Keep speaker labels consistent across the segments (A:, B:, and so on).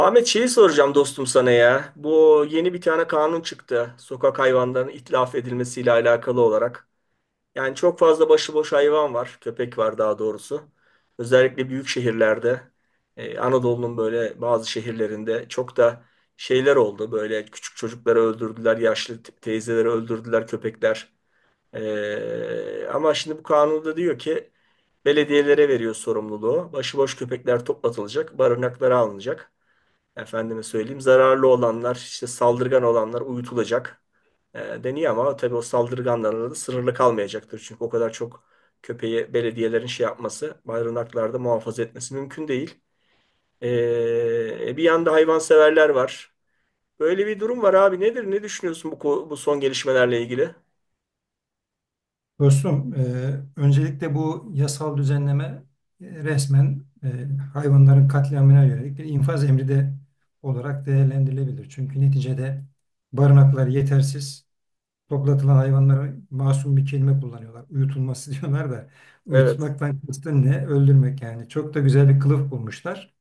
A: Ahmet şeyi soracağım dostum sana ya. Bu yeni bir tane kanun çıktı, sokak hayvanlarının itlaf edilmesiyle alakalı olarak. Yani çok fazla başıboş hayvan var. Köpek var daha doğrusu, özellikle büyük şehirlerde. Anadolu'nun böyle bazı şehirlerinde çok da şeyler oldu. Böyle küçük çocukları öldürdüler. Yaşlı teyzeleri öldürdüler köpekler. Ama şimdi bu kanunda diyor ki belediyelere veriyor sorumluluğu. Başıboş köpekler toplatılacak, barınaklara alınacak. Efendime söyleyeyim zararlı olanlar işte saldırgan olanlar uyutulacak deniyor ama tabii o saldırganlarla da sınırlı kalmayacaktır. Çünkü o kadar çok köpeği belediyelerin şey yapması, barınaklarda muhafaza etmesi mümkün değil. E, Bir yanda hayvanseverler var. Böyle bir durum var abi, nedir ne düşünüyorsun bu, bu son gelişmelerle ilgili?
B: Dostum, öncelikle bu yasal düzenleme resmen hayvanların katliamına yönelik bir infaz emri de olarak değerlendirilebilir. Çünkü neticede barınaklar yetersiz, toplatılan hayvanlara masum bir kelime kullanıyorlar. Uyutulması diyorlar da
A: Evet,
B: uyutmaktan kastın ne? Öldürmek yani. Çok da güzel bir kılıf bulmuşlar.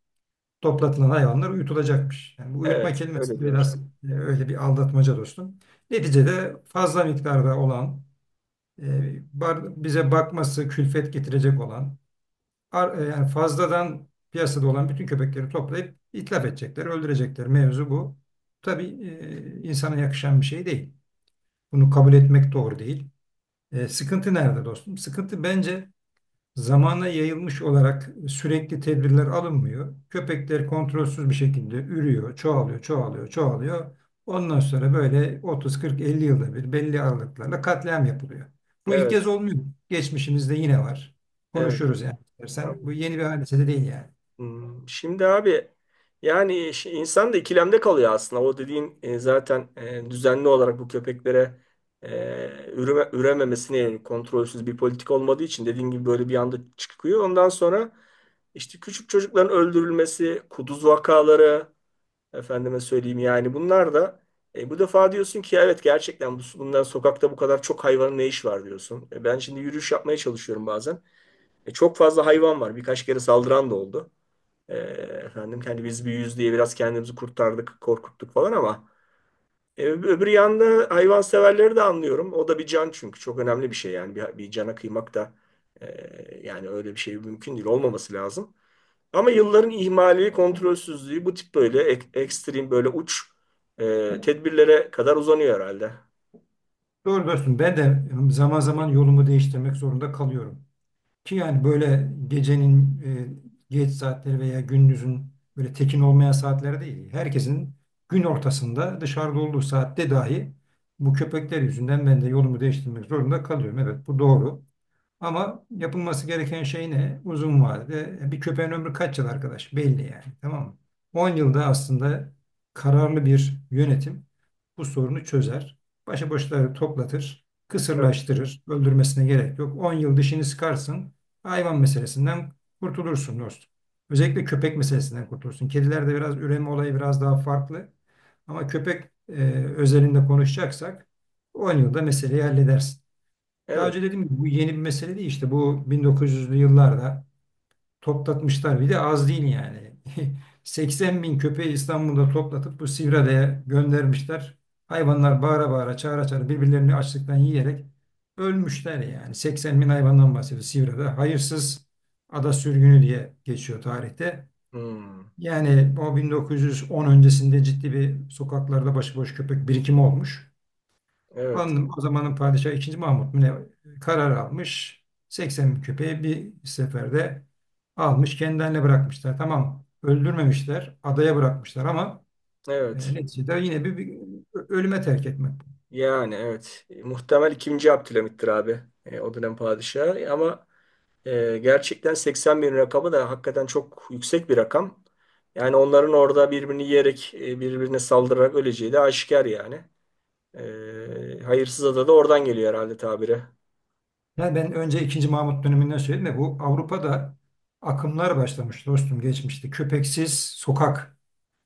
B: Toplatılan hayvanlar uyutulacakmış. Yani bu uyutma
A: evet öyle
B: kelimesi
A: diyorlar.
B: biraz öyle bir aldatmaca dostum. Neticede fazla miktarda olan e, bize bakması külfet getirecek olan yani fazladan piyasada olan bütün köpekleri toplayıp itlaf edecekler, öldürecekler. Mevzu bu. Tabii insana yakışan bir şey değil. Bunu kabul etmek doğru değil. Sıkıntı nerede dostum? Sıkıntı bence zamana yayılmış olarak sürekli tedbirler alınmıyor. Köpekler kontrolsüz bir şekilde ürüyor, çoğalıyor, çoğalıyor, çoğalıyor. Ondan sonra böyle 30, 40, 50 yılda bir belli aralıklarla katliam yapılıyor. Bu ilk kez
A: Evet,
B: olmuyor. Geçmişimizde yine var.
A: evet,
B: Konuşuruz yani istersen. Bu
A: tamam.
B: yeni bir hadise de değil yani.
A: Hmm, şimdi abi yani insan da ikilemde kalıyor aslında. O dediğin zaten düzenli olarak bu köpeklere e, üreme, ürememesine yönelik kontrolsüz bir politik olmadığı için dediğin gibi böyle bir anda çıkıyor. Ondan sonra işte küçük çocukların öldürülmesi, kuduz vakaları, efendime söyleyeyim yani bunlar da bu defa diyorsun ki evet, gerçekten bu, bundan sokakta bu kadar çok hayvanın ne işi var diyorsun. E, ben şimdi yürüyüş yapmaya çalışıyorum bazen. E, çok fazla hayvan var. Birkaç kere saldıran da oldu. E, Efendim kendi biz büyüyüz diye biraz kendimizi kurtardık, korkuttuk falan ama öbür yanda hayvanseverleri de anlıyorum. O da bir can çünkü çok önemli bir şey yani bir cana kıymak da yani öyle bir şey mümkün değil, olmaması lazım. Ama yılların ihmali, kontrolsüzlüğü bu tip böyle ekstrem böyle uç tedbirlere kadar uzanıyor herhalde.
B: Doğru dostum ben de zaman zaman yolumu değiştirmek zorunda kalıyorum. Ki yani böyle gecenin geç saatleri veya gündüzün böyle tekin olmayan saatler değil. Herkesin gün ortasında dışarıda olduğu saatte dahi bu köpekler yüzünden ben de yolumu değiştirmek zorunda kalıyorum. Evet, bu doğru. Ama yapılması gereken şey ne? Uzun vadede bir köpeğin ömrü kaç yıl arkadaş? Belli yani. Tamam mı? 10 yılda aslında kararlı bir yönetim bu sorunu çözer. Başıboşları toplatır,
A: Evet.
B: kısırlaştırır, öldürmesine gerek yok. 10 yıl dişini sıkarsın, hayvan meselesinden kurtulursun dostum. Özellikle köpek meselesinden kurtulursun. Kedilerde biraz üreme olayı biraz daha farklı. Ama köpek e, özelinde konuşacaksak 10 yılda meseleyi halledersin. Daha
A: Evet.
B: önce dedim ki bu yeni bir mesele değil, işte bu 1900'lü yıllarda toplatmışlar, bir de az değil yani. 80 bin köpeği İstanbul'da toplatıp bu Sivriada'ya göndermişler. Hayvanlar bağıra bağıra, çağıra çağıra birbirlerini açlıktan yiyerek ölmüşler yani. 80 bin hayvandan bahsediyor Sivriada. Hayırsız ada sürgünü diye geçiyor tarihte.
A: Hmm.
B: Yani o 1910 öncesinde ciddi bir sokaklarda başıboş köpek birikimi olmuş.
A: Evet.
B: Anladım. O zamanın padişahı ikinci Mahmut mu ne, karar almış. 80 bin köpeği bir seferde almış. Kendilerine bırakmışlar. Tamam, öldürmemişler. Adaya bırakmışlar ama
A: Evet.
B: neticede yine bir ölüme terk etmek.
A: Yani evet. E, muhtemel ikinci Abdülhamit'tir abi. E, o dönem padişahı. Ama gerçekten 80 bin rakamı da hakikaten çok yüksek bir rakam. Yani onların orada birbirini yiyerek, birbirine saldırarak öleceği de aşikar yani. Hayırsız ada da oradan geliyor herhalde tabire.
B: Yani ben önce ikinci Mahmut döneminden söyledim de bu Avrupa'da akımlar başlamış dostum geçmişte. Köpeksiz sokak.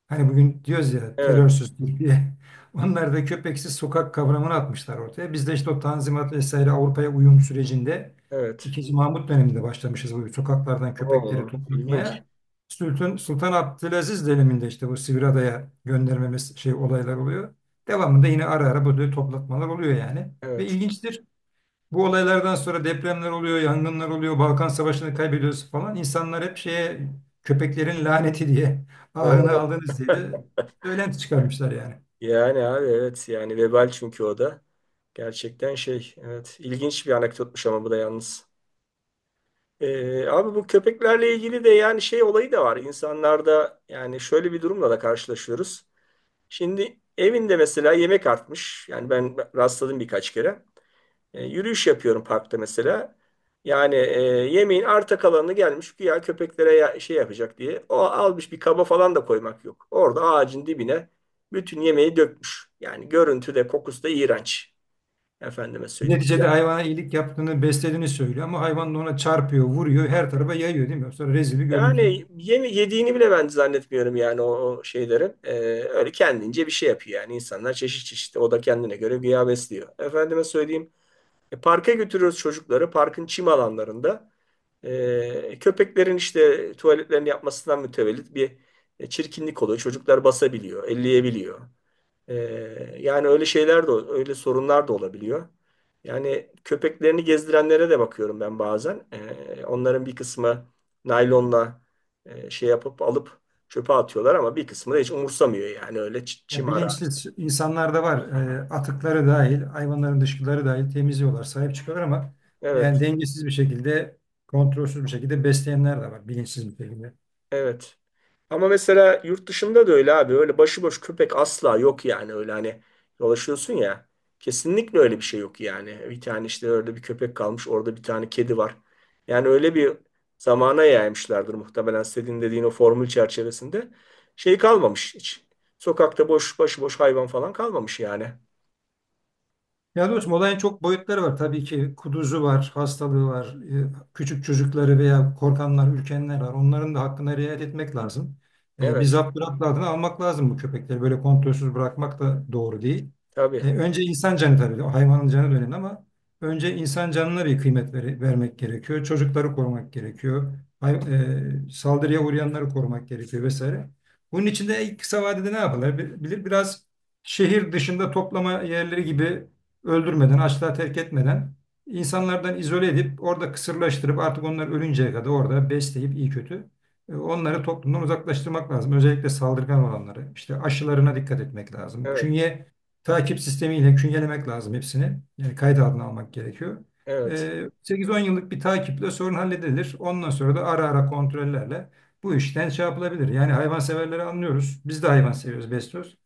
B: Hani bugün diyoruz ya
A: Evet,
B: terörsüz Türkiye. Onlar da köpeksiz sokak kavramını atmışlar ortaya. Biz de işte o Tanzimat vesaire Avrupa'ya uyum sürecinde
A: evet.
B: İkinci Mahmut döneminde başlamışız bu sokaklardan köpekleri
A: Oo, ilginç.
B: toplatmaya. Sultan Abdülaziz döneminde işte bu Sivriada'ya göndermemiz şey olaylar oluyor. Devamında yine ara ara böyle toplatmalar oluyor yani. Ve
A: Evet.
B: ilginçtir. Bu olaylardan sonra depremler oluyor, yangınlar oluyor, Balkan Savaşı'nı kaybediyoruz falan. İnsanlar hep şeye, köpeklerin laneti diye, ahını
A: Oo.
B: aldınız diye de söylenti çıkarmışlar yani.
A: Yani abi evet, yani vebal çünkü o da. Gerçekten şey, evet, ilginç bir anekdotmuş ama bu da yalnız. Abi bu köpeklerle ilgili de yani şey olayı da var. İnsanlarda yani şöyle bir durumla da karşılaşıyoruz. Şimdi evinde mesela yemek artmış. Yani ben rastladım birkaç kere. E, yürüyüş yapıyorum parkta mesela. Yani yemeğin arta kalanını gelmiş güya köpeklere şey yapacak diye. O almış bir kaba falan da koymak yok. Orada ağacın dibine bütün yemeği dökmüş. Yani görüntü de kokusu da iğrenç. Efendime söyleyeyim.
B: Neticede hayvana iyilik yaptığını, beslediğini söylüyor ama hayvan da ona çarpıyor, vuruyor, her tarafa yayıyor değil mi? Sonra rezil bir görüntü.
A: Yani yeme yediğini bile ben zannetmiyorum yani o şeylerin. E, öyle kendince bir şey yapıyor yani. İnsanlar çeşit çeşit. O da kendine göre güya besliyor. Efendime söyleyeyim. E, parka götürüyoruz çocukları. Parkın çim alanlarında. E, köpeklerin işte tuvaletlerini yapmasından mütevellit bir çirkinlik oluyor. Çocuklar basabiliyor, elleyebiliyor. E, Yani öyle şeyler de, öyle sorunlar da olabiliyor. Yani köpeklerini gezdirenlere de bakıyorum ben bazen. E, onların bir kısmı naylonla şey yapıp alıp çöpe atıyorlar ama bir kısmı da hiç umursamıyor yani öyle
B: Ya,
A: çim ara.
B: bilinçli insanlar da var. Atıkları dahil, hayvanların dışkıları dahil temizliyorlar, sahip çıkıyorlar ama yani
A: Evet,
B: dengesiz bir şekilde, kontrolsüz bir şekilde besleyenler de var bilinçsiz bir şekilde.
A: evet. Ama mesela yurt dışında da öyle abi. Öyle başıboş köpek asla yok yani. Öyle hani dolaşıyorsun ya. Kesinlikle öyle bir şey yok yani. Bir tane işte orada bir köpek kalmış. Orada bir tane kedi var. Yani öyle bir zamana yaymışlardır muhtemelen senin dediğin o formül çerçevesinde. Şey kalmamış hiç. Sokakta boş başıboş hayvan falan kalmamış yani.
B: Ya dostum, olayın çok boyutları var. Tabii ki kuduzu var, hastalığı var, küçük çocukları veya korkanlar, ürkenler var. Onların da hakkına riayet etmek lazım. Bir
A: Evet.
B: zapt adına almak lazım bu köpekleri. Böyle kontrolsüz bırakmak da doğru değil.
A: Tabii.
B: Önce insan canı tabii, hayvanın canı da önemli ama önce insan canına bir kıymet vermek gerekiyor. Çocukları korumak gerekiyor. Hay- Saldırıya uğrayanları korumak gerekiyor vesaire. Bunun için de kısa vadede ne yapılabilir? Biraz şehir dışında toplama yerleri gibi öldürmeden, açlığa terk etmeden insanlardan izole edip orada kısırlaştırıp artık onlar ölünceye kadar orada besleyip iyi kötü onları toplumdan uzaklaştırmak lazım. Özellikle saldırgan olanları. İşte aşılarına dikkat etmek lazım.
A: Evet.
B: Künye takip sistemiyle künyelemek lazım hepsini. Yani kayıt altına almak gerekiyor.
A: Evet.
B: 8-10 yıllık bir takiple sorun halledilir. Ondan sonra da ara ara kontrollerle bu işten şey yapılabilir. Yani hayvanseverleri anlıyoruz. Biz de hayvan seviyoruz, besliyoruz.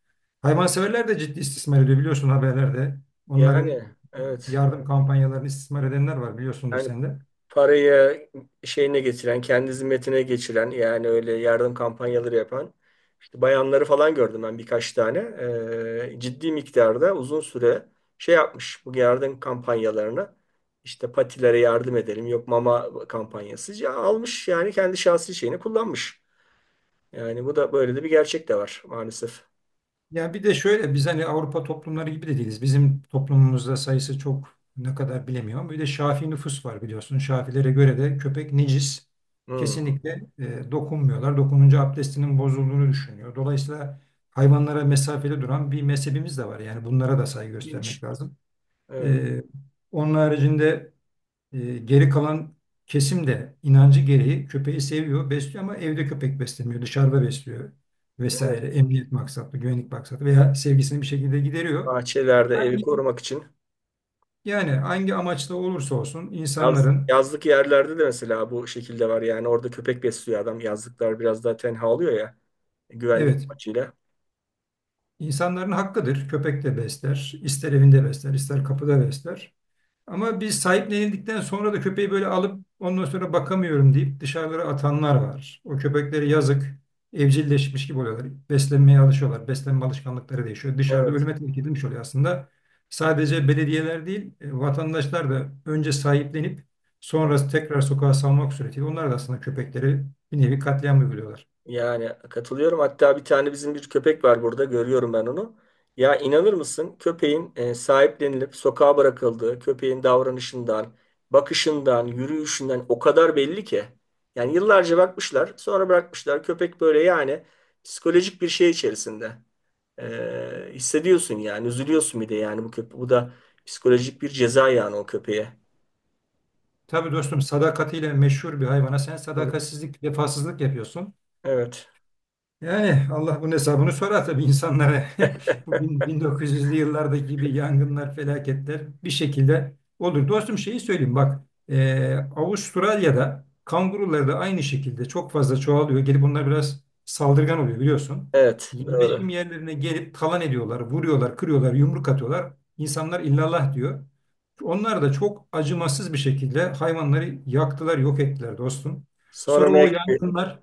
B: Hayvanseverler de ciddi istismar ediyor biliyorsun, haberlerde. Onların
A: Yani evet.
B: yardım kampanyalarını istismar edenler var, biliyorsundur
A: Yani
B: sen de.
A: parayı şeyine getiren, kendi zimmetine geçiren yani öyle yardım kampanyaları yapan işte bayanları falan gördüm ben birkaç tane. Ciddi miktarda uzun süre şey yapmış bu yardım kampanyalarını işte patilere yardım edelim yok mama kampanyası, ya almış yani kendi şahsi şeyini kullanmış. Yani bu da böyle de bir gerçek de var maalesef.
B: Ya bir de şöyle, biz hani Avrupa toplumları gibi de değiliz. Bizim toplumumuzda sayısı çok ne kadar bilemiyorum. Bir de Şafii nüfus var biliyorsun. Şafilere göre de köpek necis.
A: Hmm.
B: Kesinlikle dokunmuyorlar. Dokununca abdestinin bozulduğunu düşünüyor. Dolayısıyla hayvanlara mesafeli duran bir mezhebimiz de var. Yani bunlara da saygı
A: İlginç.
B: göstermek lazım.
A: Evet,
B: E, onun haricinde geri kalan kesim de inancı gereği köpeği seviyor, besliyor ama evde köpek beslemiyor, dışarıda besliyor
A: evet.
B: vesaire. Emniyet maksatlı, güvenlik maksatlı veya sevgisini bir şekilde gideriyor.
A: Bahçelerde evi korumak için.
B: Yani hangi amaçla olursa olsun insanların,
A: Yazlık yerlerde de mesela bu şekilde var yani orada köpek besliyor adam. Yazlıklar biraz daha tenha oluyor ya, güvenlik
B: evet,
A: amacıyla.
B: insanların hakkıdır. Köpek de besler, ister evinde besler, ister kapıda besler. Ama biz sahiplenildikten sonra da köpeği böyle alıp ondan sonra bakamıyorum deyip dışarılara atanlar var. O köpeklere yazık, evcilleşmiş gibi oluyorlar. Beslenmeye alışıyorlar. Beslenme alışkanlıkları değişiyor. Dışarıda
A: Evet,
B: ölüme terk edilmiş oluyor aslında. Sadece belediyeler değil, vatandaşlar da önce sahiplenip
A: evet.
B: sonra tekrar sokağa salmak suretiyle onlar da aslında köpekleri bir nevi katliam uyguluyorlar.
A: Yani katılıyorum. Hatta bir tane bizim bir köpek var burada. Görüyorum ben onu. Ya inanır mısın? Köpeğin sahiplenilip sokağa bırakıldığı, köpeğin davranışından, bakışından, yürüyüşünden o kadar belli ki. Yani yıllarca bakmışlar, sonra bırakmışlar. Köpek böyle yani psikolojik bir şey içerisinde. Hissediyorsun yani, üzülüyorsun bir de yani bu köpe bu da psikolojik bir ceza yani o köpeğe.
B: Tabii dostum, sadakatiyle meşhur bir hayvana sen
A: Evet.
B: sadakatsizlik, vefasızlık yapıyorsun.
A: Evet,
B: Yani Allah bunun hesabını sorar tabii insanlara. Bu 1900'lü yıllardaki gibi yangınlar, felaketler bir şekilde olur. Dostum, şeyi söyleyeyim bak. Avustralya'da kangurular da aynı şekilde çok fazla çoğalıyor. Gelip bunlar biraz saldırgan oluyor biliyorsun.
A: evet, doğru.
B: Yerleşim yerlerine gelip talan ediyorlar, vuruyorlar, kırıyorlar, yumruk atıyorlar. İnsanlar illallah diyor. Onlar da çok acımasız bir şekilde hayvanları yaktılar, yok ettiler dostum.
A: Sonra
B: Sonra
A: ne
B: o
A: gibi?
B: yangınlar,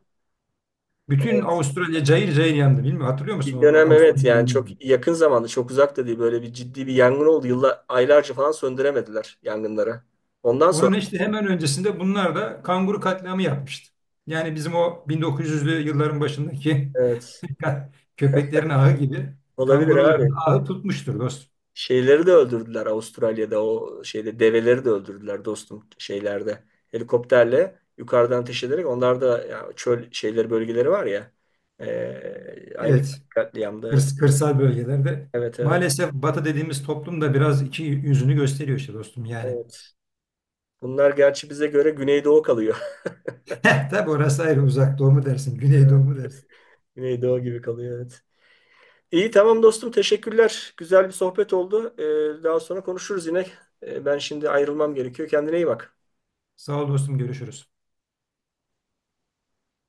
B: bütün Avustralya cayır cayır yandı. Bilmiyorum, hatırlıyor musun
A: Bir
B: o
A: dönem evet
B: Avustralya
A: yani
B: yangını?
A: çok yakın zamanda, çok uzak da değil, böyle bir ciddi bir yangın oldu. Yıllar, aylarca falan söndüremediler yangınları. Ondan sonra
B: Onun işte hemen öncesinde bunlar da kanguru katliamı yapmıştı. Yani bizim o 1900'lü yılların başındaki
A: evet,
B: köpeklerin ahı gibi
A: olabilir abi.
B: kanguruların ahı tutmuştur dost.
A: Şeyleri de öldürdüler Avustralya'da o şeyde, develeri de öldürdüler dostum şeylerde. Helikopterle yukarıdan ateş ederek, onlar da ya çöl şeyleri bölgeleri var ya aynı
B: Evet,
A: katliamda evet.
B: kırsal bölgelerde
A: Evet, evet,
B: maalesef Batı dediğimiz toplum da biraz iki yüzünü gösteriyor işte dostum yani.
A: evet. Bunlar gerçi bize göre Güneydoğu kalıyor.
B: Tabii, orası ayrı, uzak doğu mu dersin, güney doğu mu dersin.
A: Güneydoğu gibi kalıyor evet. İyi, tamam dostum, teşekkürler. Güzel bir sohbet oldu. E, daha sonra konuşuruz yine. E, ben şimdi ayrılmam gerekiyor. Kendine iyi bak.
B: Sağ ol dostum, görüşürüz.